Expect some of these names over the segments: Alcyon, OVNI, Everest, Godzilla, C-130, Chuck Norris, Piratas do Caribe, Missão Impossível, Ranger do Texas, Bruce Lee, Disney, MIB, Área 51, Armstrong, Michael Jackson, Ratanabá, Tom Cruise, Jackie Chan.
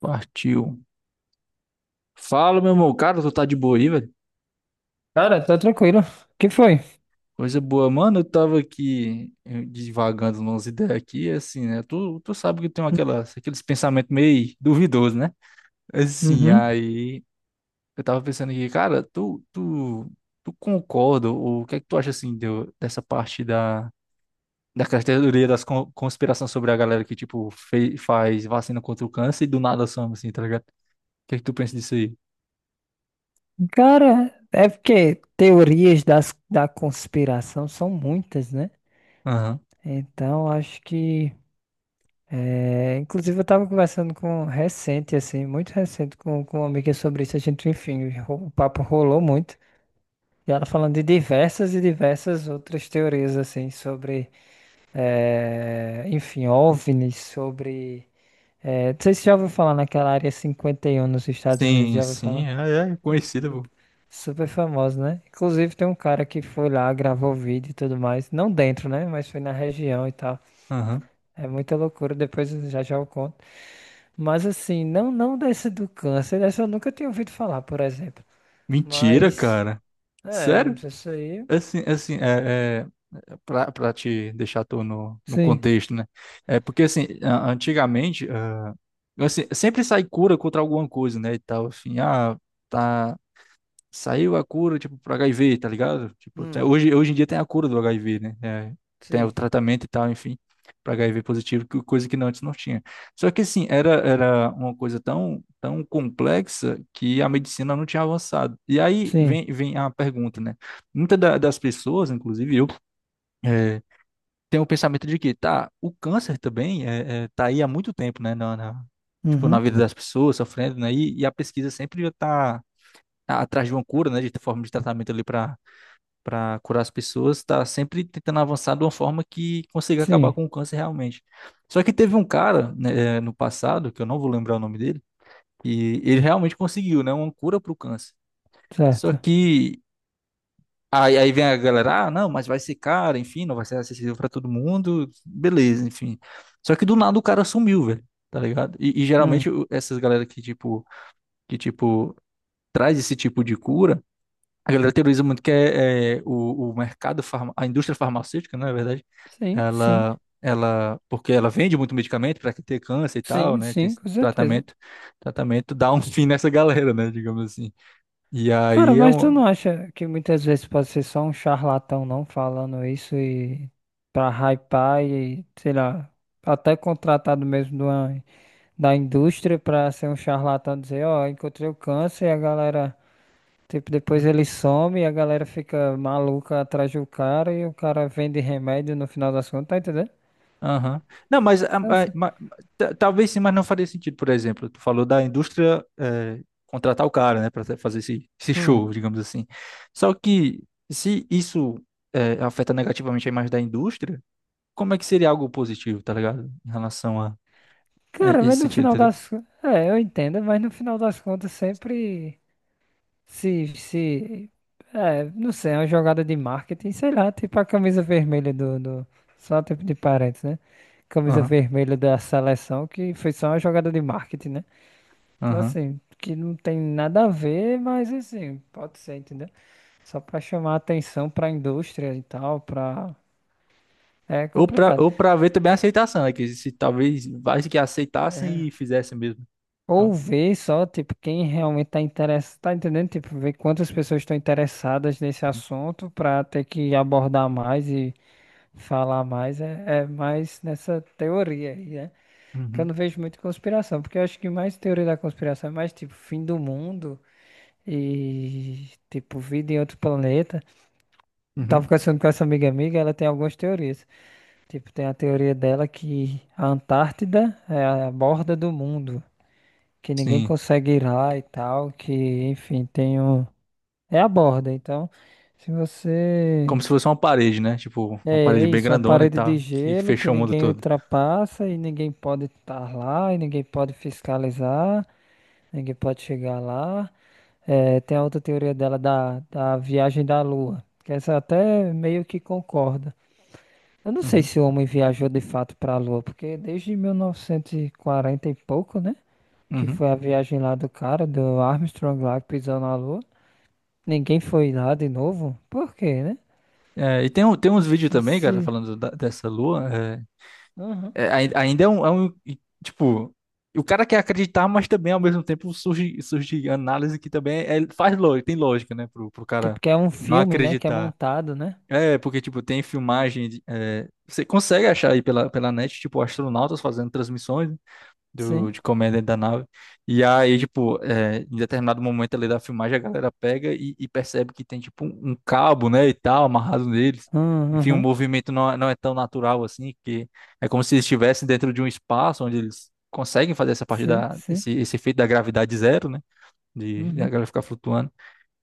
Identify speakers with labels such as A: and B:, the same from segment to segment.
A: Partiu. Fala, meu irmão. Cara, tu tá de boa aí, velho?
B: Cara, tá tranquilo. O que foi?
A: Coisa boa, mano. Eu tava aqui divagando umas ideias aqui, assim, né? Tu sabe que eu tenho aquelas, aqueles pensamentos meio duvidosos, né? Assim,
B: Uhum.
A: aí eu tava pensando aqui, cara, tu concorda? Ou o que é que tu acha, assim, dessa parte da, da teoria das conspirações sobre a galera que, tipo, faz vacina contra o câncer e do nada some, assim, tá ligado? O que é que tu pensa disso aí?
B: Cara, é porque teorias da conspiração são muitas, né?
A: Aham.
B: Então, acho que. Inclusive, eu tava conversando com recente, assim, muito recente, com uma amiga sobre isso. A gente, enfim, o papo rolou muito. E ela falando de diversas e diversas outras teorias, assim, sobre. Enfim, OVNIs, sobre. Não sei se você já ouviu falar naquela área 51 nos Estados Unidos,
A: Sim,
B: já ouviu
A: sim,
B: falar?
A: é, é conhecida, pô.
B: Super famoso, né? Inclusive tem um cara que foi lá, gravou vídeo e tudo mais. Não dentro, né? Mas foi na região e tal.
A: Aham.
B: É muita loucura, depois eu já já eu conto. Mas assim, não desse do câncer, dessa eu nunca tinha ouvido falar, por exemplo.
A: Mentira,
B: Mas,
A: cara.
B: não
A: Sério?
B: sei se aí.
A: É assim, é assim, é pra, pra te deixar tu no, no
B: Sim,
A: contexto, né? É porque, assim, antigamente, ah, assim, sempre sai cura contra alguma coisa, né, e tal, assim, ah, tá, saiu a cura, tipo, pro HIV, tá ligado? Tipo, até
B: hum,
A: hoje, hoje em dia tem a cura do HIV, né? É, tem o
B: sim.
A: tratamento e tal, enfim, para HIV positivo, coisa que não, antes não tinha. Só que, assim, era, era uma coisa tão, tão complexa que a medicina não tinha avançado. E aí
B: Sim.
A: vem, vem a pergunta, né? Muitas das pessoas, inclusive eu, é, tem o pensamento de que, tá, o câncer também tá aí há muito tempo, né? Na, tipo, na
B: Uhum.
A: vida das pessoas, sofrendo, né? E a pesquisa sempre já tá atrás de uma cura, né, de forma de tratamento ali para para curar as pessoas, está sempre tentando avançar de uma forma que consiga acabar
B: Sim,
A: com o câncer realmente. Só que teve um cara, né, no passado, que eu não vou lembrar o nome dele, e ele realmente conseguiu, né, uma cura para o câncer. Só
B: certo.
A: que aí, aí vem a galera, ah, não, mas vai ser caro, enfim, não vai ser acessível para todo mundo, beleza, enfim. Só que do nada o cara sumiu, velho. Tá ligado? E
B: Hum.
A: geralmente essas galera que tipo traz esse tipo de cura. A galera teoriza muito que é, é o mercado, farma, a indústria farmacêutica, né, na verdade,
B: Sim, sim.
A: ela, porque ela vende muito medicamento para quem tem câncer e tal,
B: Sim,
A: né? Tem
B: sim,
A: esse
B: com certeza.
A: tratamento, tratamento dá um fim nessa galera, né? Digamos assim. E
B: Cara,
A: aí é
B: mas tu
A: um.
B: não acha que muitas vezes pode ser só um charlatão não falando isso e pra hypar e, sei lá, até contratado mesmo de da indústria pra ser um charlatão dizer, ó, encontrei o câncer e a galera, tipo, depois ele some e a galera fica maluca atrás do cara e o cara vende remédio no final das contas, tá entendendo?
A: Aham. Não, mas, ah,
B: Então,
A: ah,
B: assim,
A: talvez sim, mas não faria sentido, por exemplo, tu falou da indústria contratar o cara, né, para fazer esse, esse
B: hum.
A: show, digamos assim. Só que se isso afeta negativamente a imagem da indústria, como é que seria algo positivo, tá ligado? Em relação a
B: Cara,
A: esse
B: mas no
A: sentido,
B: final
A: entendeu?
B: das... É, eu entendo, mas no final das contas sempre... Se, não sei, é uma jogada de marketing, sei lá, tipo a camisa vermelha do, só tipo de parênteses, né? Camisa
A: Aham,
B: vermelha da seleção, que foi só uma jogada de marketing, né? Então,
A: aham.
B: assim, que não tem nada a ver, mas assim, pode ser, entendeu? Só pra chamar atenção pra indústria e tal, pra. É complicado.
A: Ou pra ver também a aceitação, né? Que se talvez vários que aceitassem
B: É.
A: e fizessem mesmo.
B: Ou
A: Então,
B: ver só, tipo, quem realmente tá interessado, tá entendendo? Tipo, ver quantas pessoas estão interessadas nesse
A: uhum,
B: assunto pra ter que abordar mais e falar mais é mais nessa teoria aí, né? Que eu
A: uhum,
B: não vejo muito conspiração, porque eu acho que mais teoria da conspiração é mais tipo fim do mundo e tipo vida em outro planeta. Eu tava
A: uhum.
B: conversando com essa amiga amiga, ela tem algumas teorias. Tipo, tem a teoria dela que a Antártida é a borda do mundo, que ninguém
A: Sim.
B: consegue ir lá e tal, que enfim, tem um... É a borda, então se você...
A: Como se fosse uma parede, né? Tipo,
B: É,
A: uma parede
B: é
A: bem
B: isso, uma
A: grandona e
B: parede de
A: tal, que
B: gelo que
A: fechou o mundo
B: ninguém
A: todo.
B: ultrapassa e ninguém pode estar lá, e ninguém pode fiscalizar, ninguém pode chegar lá. É, tem a outra teoria dela da viagem da Lua, que essa eu até meio que concorda. Eu não sei
A: Uhum,
B: se o homem viajou de fato para a Lua, porque desde 1940 e quarenta e pouco, né? Que
A: uhum.
B: foi a viagem lá do cara, do Armstrong lá que pisou na Lua. Ninguém foi lá de novo. Por quê, né?
A: É, e tem, tem uns vídeos
B: Se,
A: também, cara,
B: se...
A: falando dessa lua. É, é, ainda é um, e, tipo, o cara quer acreditar, mas também ao mesmo tempo surge, surge análise que também é, é, faz lógica, tem lógica, né? Pro, pro
B: Tipo
A: cara
B: que é um
A: não
B: filme, né? Que é
A: acreditar.
B: montado, né?
A: É, porque, tipo, tem filmagem. É, você consegue achar aí pela, pela net, tipo, astronautas fazendo transmissões do,
B: Sim.
A: de comer dentro da nave. E aí, tipo, é, em determinado momento ali da filmagem, a galera pega e percebe que tem, tipo, um cabo, né, e tal, amarrado neles. Enfim, o
B: Uhum,
A: movimento não, não é tão natural assim, que é como se eles estivessem dentro de um espaço onde eles conseguem fazer essa parte
B: sim,
A: da,
B: sim.
A: esse efeito da gravidade zero, né, de a
B: Uhum.
A: galera ficar flutuando.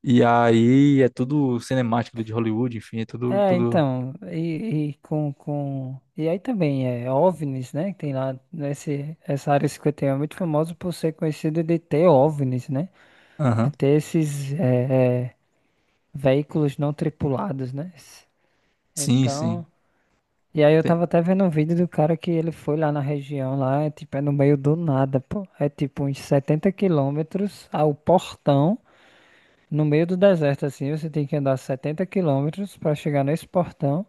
A: E aí é tudo cinemático de Hollywood, enfim, é tudo,
B: É,
A: tudo...
B: então, e E aí também é OVNIs, né? Que tem lá nesse, essa área 51 é muito famosa por ser conhecida de ter OVNIs, né? De
A: Aham,
B: ter esses veículos não tripulados, né?
A: sim, sim.
B: Então... E aí eu
A: Tem...
B: tava até vendo um vídeo do cara que ele foi lá na região, lá, é, tipo, é no meio do nada, pô. É tipo uns 70 quilômetros ao portão. No meio do deserto, assim, você tem que andar 70 quilômetros para chegar nesse portão.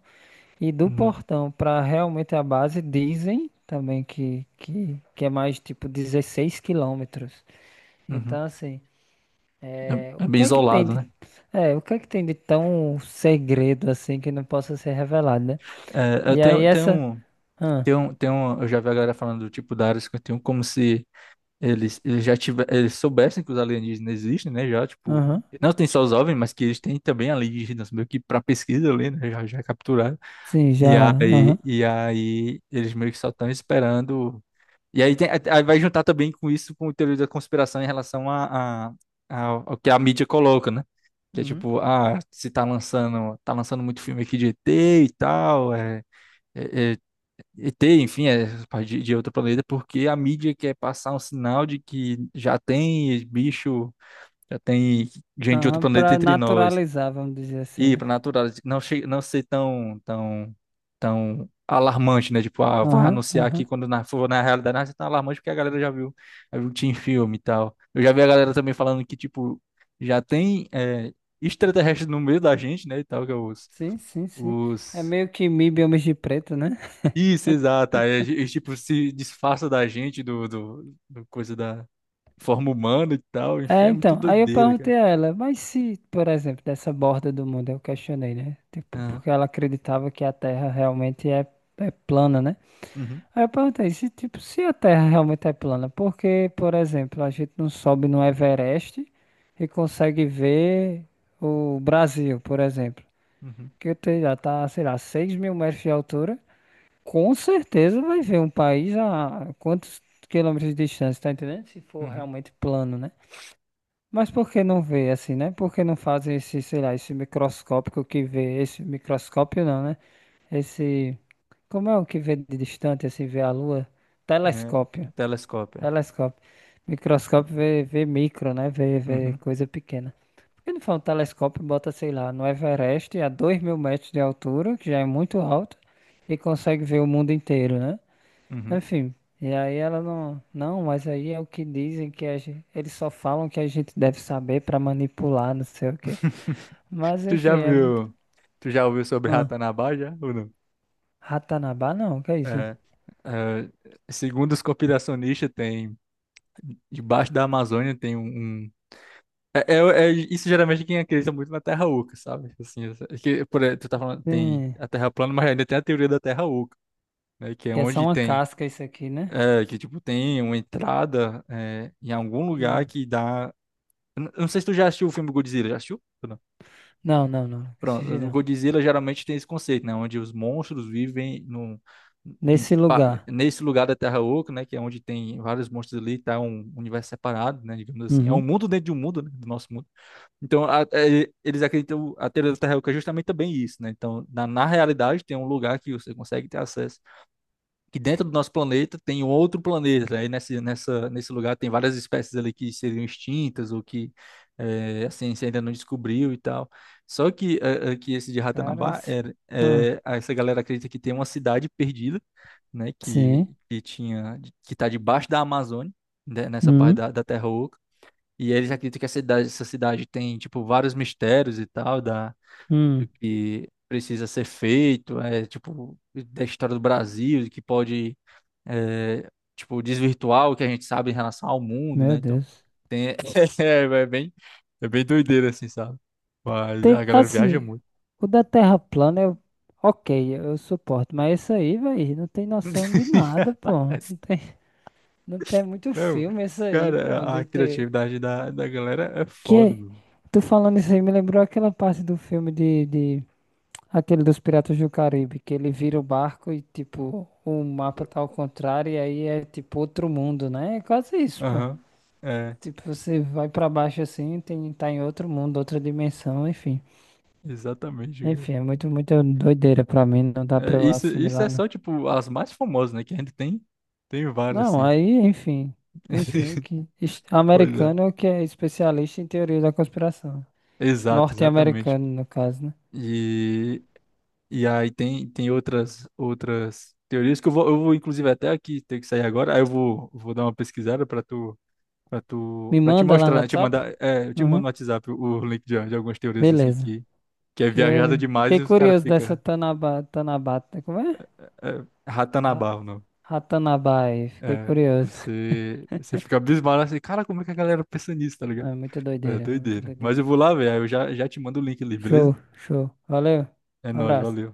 B: E do
A: Uhum,
B: portão para realmente a base, dizem também que é mais tipo 16 quilômetros.
A: uhum.
B: Então, assim, é,
A: É, é
B: o
A: bem
B: que é que tem
A: isolado,
B: de,
A: né?
B: o que é que tem de tão segredo assim que não possa ser revelado, né?
A: É, eu
B: E aí
A: tenho,
B: essa. Ah,
A: tem um, tem um, eu já vi a galera falando do tipo da Área 51 como se eles, eles já tiver, eles soubessem que os alienígenas existem, né? Já, tipo,
B: aham,
A: não tem só os OVNIs, mas que eles têm também alienígenas, meio que para pesquisa ali, né? Já, já capturaram.
B: sim, já. Aham.
A: E aí eles meio que só estão esperando. E aí, tem, aí vai juntar também com isso, com o teoria da conspiração em relação a, ao que a mídia coloca, né? Que é
B: Uhum.
A: tipo, ah, se tá lançando, tá lançando muito filme aqui de ET e tal, é. é, é, e ter, enfim, é, de outro planeta, porque a mídia quer passar um sinal de que já tem bicho, já tem gente de outro
B: Aham,
A: planeta
B: para
A: entre nós.
B: naturalizar, vamos dizer assim,
A: E
B: né?
A: para natural, não, não ser tão, tão, tão alarmante, né? Tipo, ah, vai
B: Aham,
A: anunciar aqui
B: aham.
A: quando na, for na realidade, não, isso é tão alarmante porque a galera já viu tinha em filme e tal. Eu já vi a galera também falando que, tipo, já tem é, extraterrestre no meio da gente, né? E tal, que é os.
B: Sim, sim, sim. É
A: Os
B: meio que MIB homens de preto, né?
A: isso, exato. Aí eles, tipo, se disfarça da gente, do, do, do coisa da forma humana e tal. Enfim,
B: É,
A: é muito
B: então, aí eu
A: doideira, cara.
B: perguntei a ela, mas se, por exemplo, dessa borda do mundo, eu questionei, né? Tipo,
A: Aham.
B: porque ela acreditava que a Terra realmente é plana, né?
A: Uhum.
B: Aí eu perguntei, se, tipo, se a Terra realmente é plana, por que, por exemplo, a gente não sobe no Everest e consegue ver o Brasil, por exemplo?
A: Uhum.
B: Já tá, sei lá, 6 mil metros de altura. Com certeza vai ver um país a quantos quilômetros de distância, tá entendendo? Se for
A: Uhum.
B: realmente plano, né? Mas por que não vê assim, né? Por que não fazem esse, sei lá, esse microscópico que vê, esse microscópio não, né? Esse, como é o que vê de distante, assim, vê a lua?
A: Né?
B: Telescópio,
A: O telescópio. É.
B: telescópio. Microscópio vê, vê micro, né? Vê, vê
A: Uhum.
B: coisa pequena. Por que não faz um telescópio e bota, sei lá, no Everest a 2.000 metros de altura, que já é muito alto, e consegue ver o mundo inteiro, né?
A: Uhum.
B: Enfim, e aí ela não, não, mas aí é o que dizem que a gente, eles só falam que a gente deve saber pra manipular, não sei o quê. Mas
A: Tu
B: enfim,
A: já
B: é muito.
A: viu? Tu já ouviu sobre
B: Ah,
A: Ratanabá já? Ou não?
B: Ratanabá não, que é isso?
A: É, é, segundo os conspiracionistas, tem debaixo da Amazônia tem um, um- é, é isso, geralmente quem acredita muito na Terra Oca, sabe? Assim, que, por, tu tá falando, tem
B: Sim,
A: a Terra plana, mas ainda tem a teoria da Terra Oca, né? Que é
B: que é só
A: onde
B: uma
A: tem,
B: casca isso aqui, né?
A: é, que tipo tem uma entrada é, em algum lugar
B: Hum.
A: que dá. Eu não sei se tu já assistiu o filme Godzilla, já assistiu? Ou não?
B: Não, não, não, esse
A: Pronto,
B: jeito
A: o
B: não.
A: Godzilla geralmente tem esse conceito, né? Onde os monstros vivem num,
B: Nesse lugar.
A: nesse lugar da Terra Oca, né? Que é onde tem vários monstros ali, tá um universo separado, né? Digamos assim, é um
B: Uhum.
A: mundo dentro de um mundo, né? Do nosso mundo. Então, é, eles acreditam a teoria da Terra Oca é justamente também isso, né? Então, na, na realidade, tem um lugar que você consegue ter acesso, que dentro do nosso planeta tem um outro planeta. Aí nessa, nessa, nesse lugar tem várias espécies ali que seriam extintas ou que assim, a ciência ainda não descobriu e tal. Só que, que esse de
B: Cara,
A: Ratanabá,
B: isso.
A: era,
B: Ah,
A: essa galera acredita que tem uma cidade perdida, né,
B: sim.
A: que tinha, que está debaixo da Amazônia, né, nessa parte
B: Hum,
A: da, da Terra Oca. E eles acreditam que essa cidade tem, tipo, vários mistérios e tal, da, do
B: hum.
A: que precisa ser feito, é, tipo, da história do Brasil, que pode é, tipo, desvirtuar o que a gente sabe em relação ao mundo, né?
B: Meu
A: Então,
B: Deus.
A: tem, é, é bem doideira, assim, sabe? Mas
B: Tem,
A: a galera viaja
B: assim,
A: muito.
B: o da Terra plana, eu, ok, eu suporto, mas isso aí, velho, não tem noção de nada, pô. Não tem, não tem é muito
A: Não,
B: filme isso aí, pô,
A: cara, a
B: de ter...
A: criatividade da, da galera é
B: Que,
A: foda,
B: é,
A: meu.
B: Tu falando isso aí, me lembrou aquela parte do filme Aquele dos Piratas do Caribe, que ele vira o barco e, tipo, o mapa tá ao contrário e aí é, tipo, outro mundo, né? É quase isso, pô.
A: Aham, é,
B: Tipo, você vai pra baixo assim, tá em outro mundo, outra dimensão, enfim.
A: exatamente, cara.
B: Enfim, é muito, muito doideira pra mim, não dá
A: É,
B: pra eu
A: isso é
B: assimilar, não.
A: só, tipo, as mais famosas, né? Que a gente tem, tem várias,
B: Não,
A: assim.
B: aí, enfim. Enfim, que
A: Pois é,
B: americano que é especialista em teoria da conspiração.
A: exato, exatamente.
B: Norte-americano, no caso, né?
A: E e aí tem, tem outras outras teorias que eu vou inclusive até aqui ter que sair agora. Aí eu vou, vou dar uma pesquisada para tu para tu
B: Me
A: para te
B: manda lá no
A: mostrar, né? Te
B: WhatsApp?
A: mandar, é, eu te mando
B: Uhum.
A: no WhatsApp o link de algumas teorias assim
B: Beleza.
A: que é viajada
B: Porque
A: demais
B: fiquei
A: e os caras
B: curioso dessa
A: fica
B: Tanaba, Tanabata, como é?
A: é,
B: Ra-
A: Ratanabá, não.
B: Ratanabai, fiquei
A: É,
B: curioso.
A: você fica abismado assim, cara, como é que a galera pensa nisso, tá ligado?
B: Não, é muito
A: É
B: doideira, é muito
A: doideira. Mas eu
B: doideira.
A: vou lá, velho, aí eu já te mando o link ali, beleza?
B: Show, show. Valeu.
A: É nóis,
B: Abraço.
A: valeu.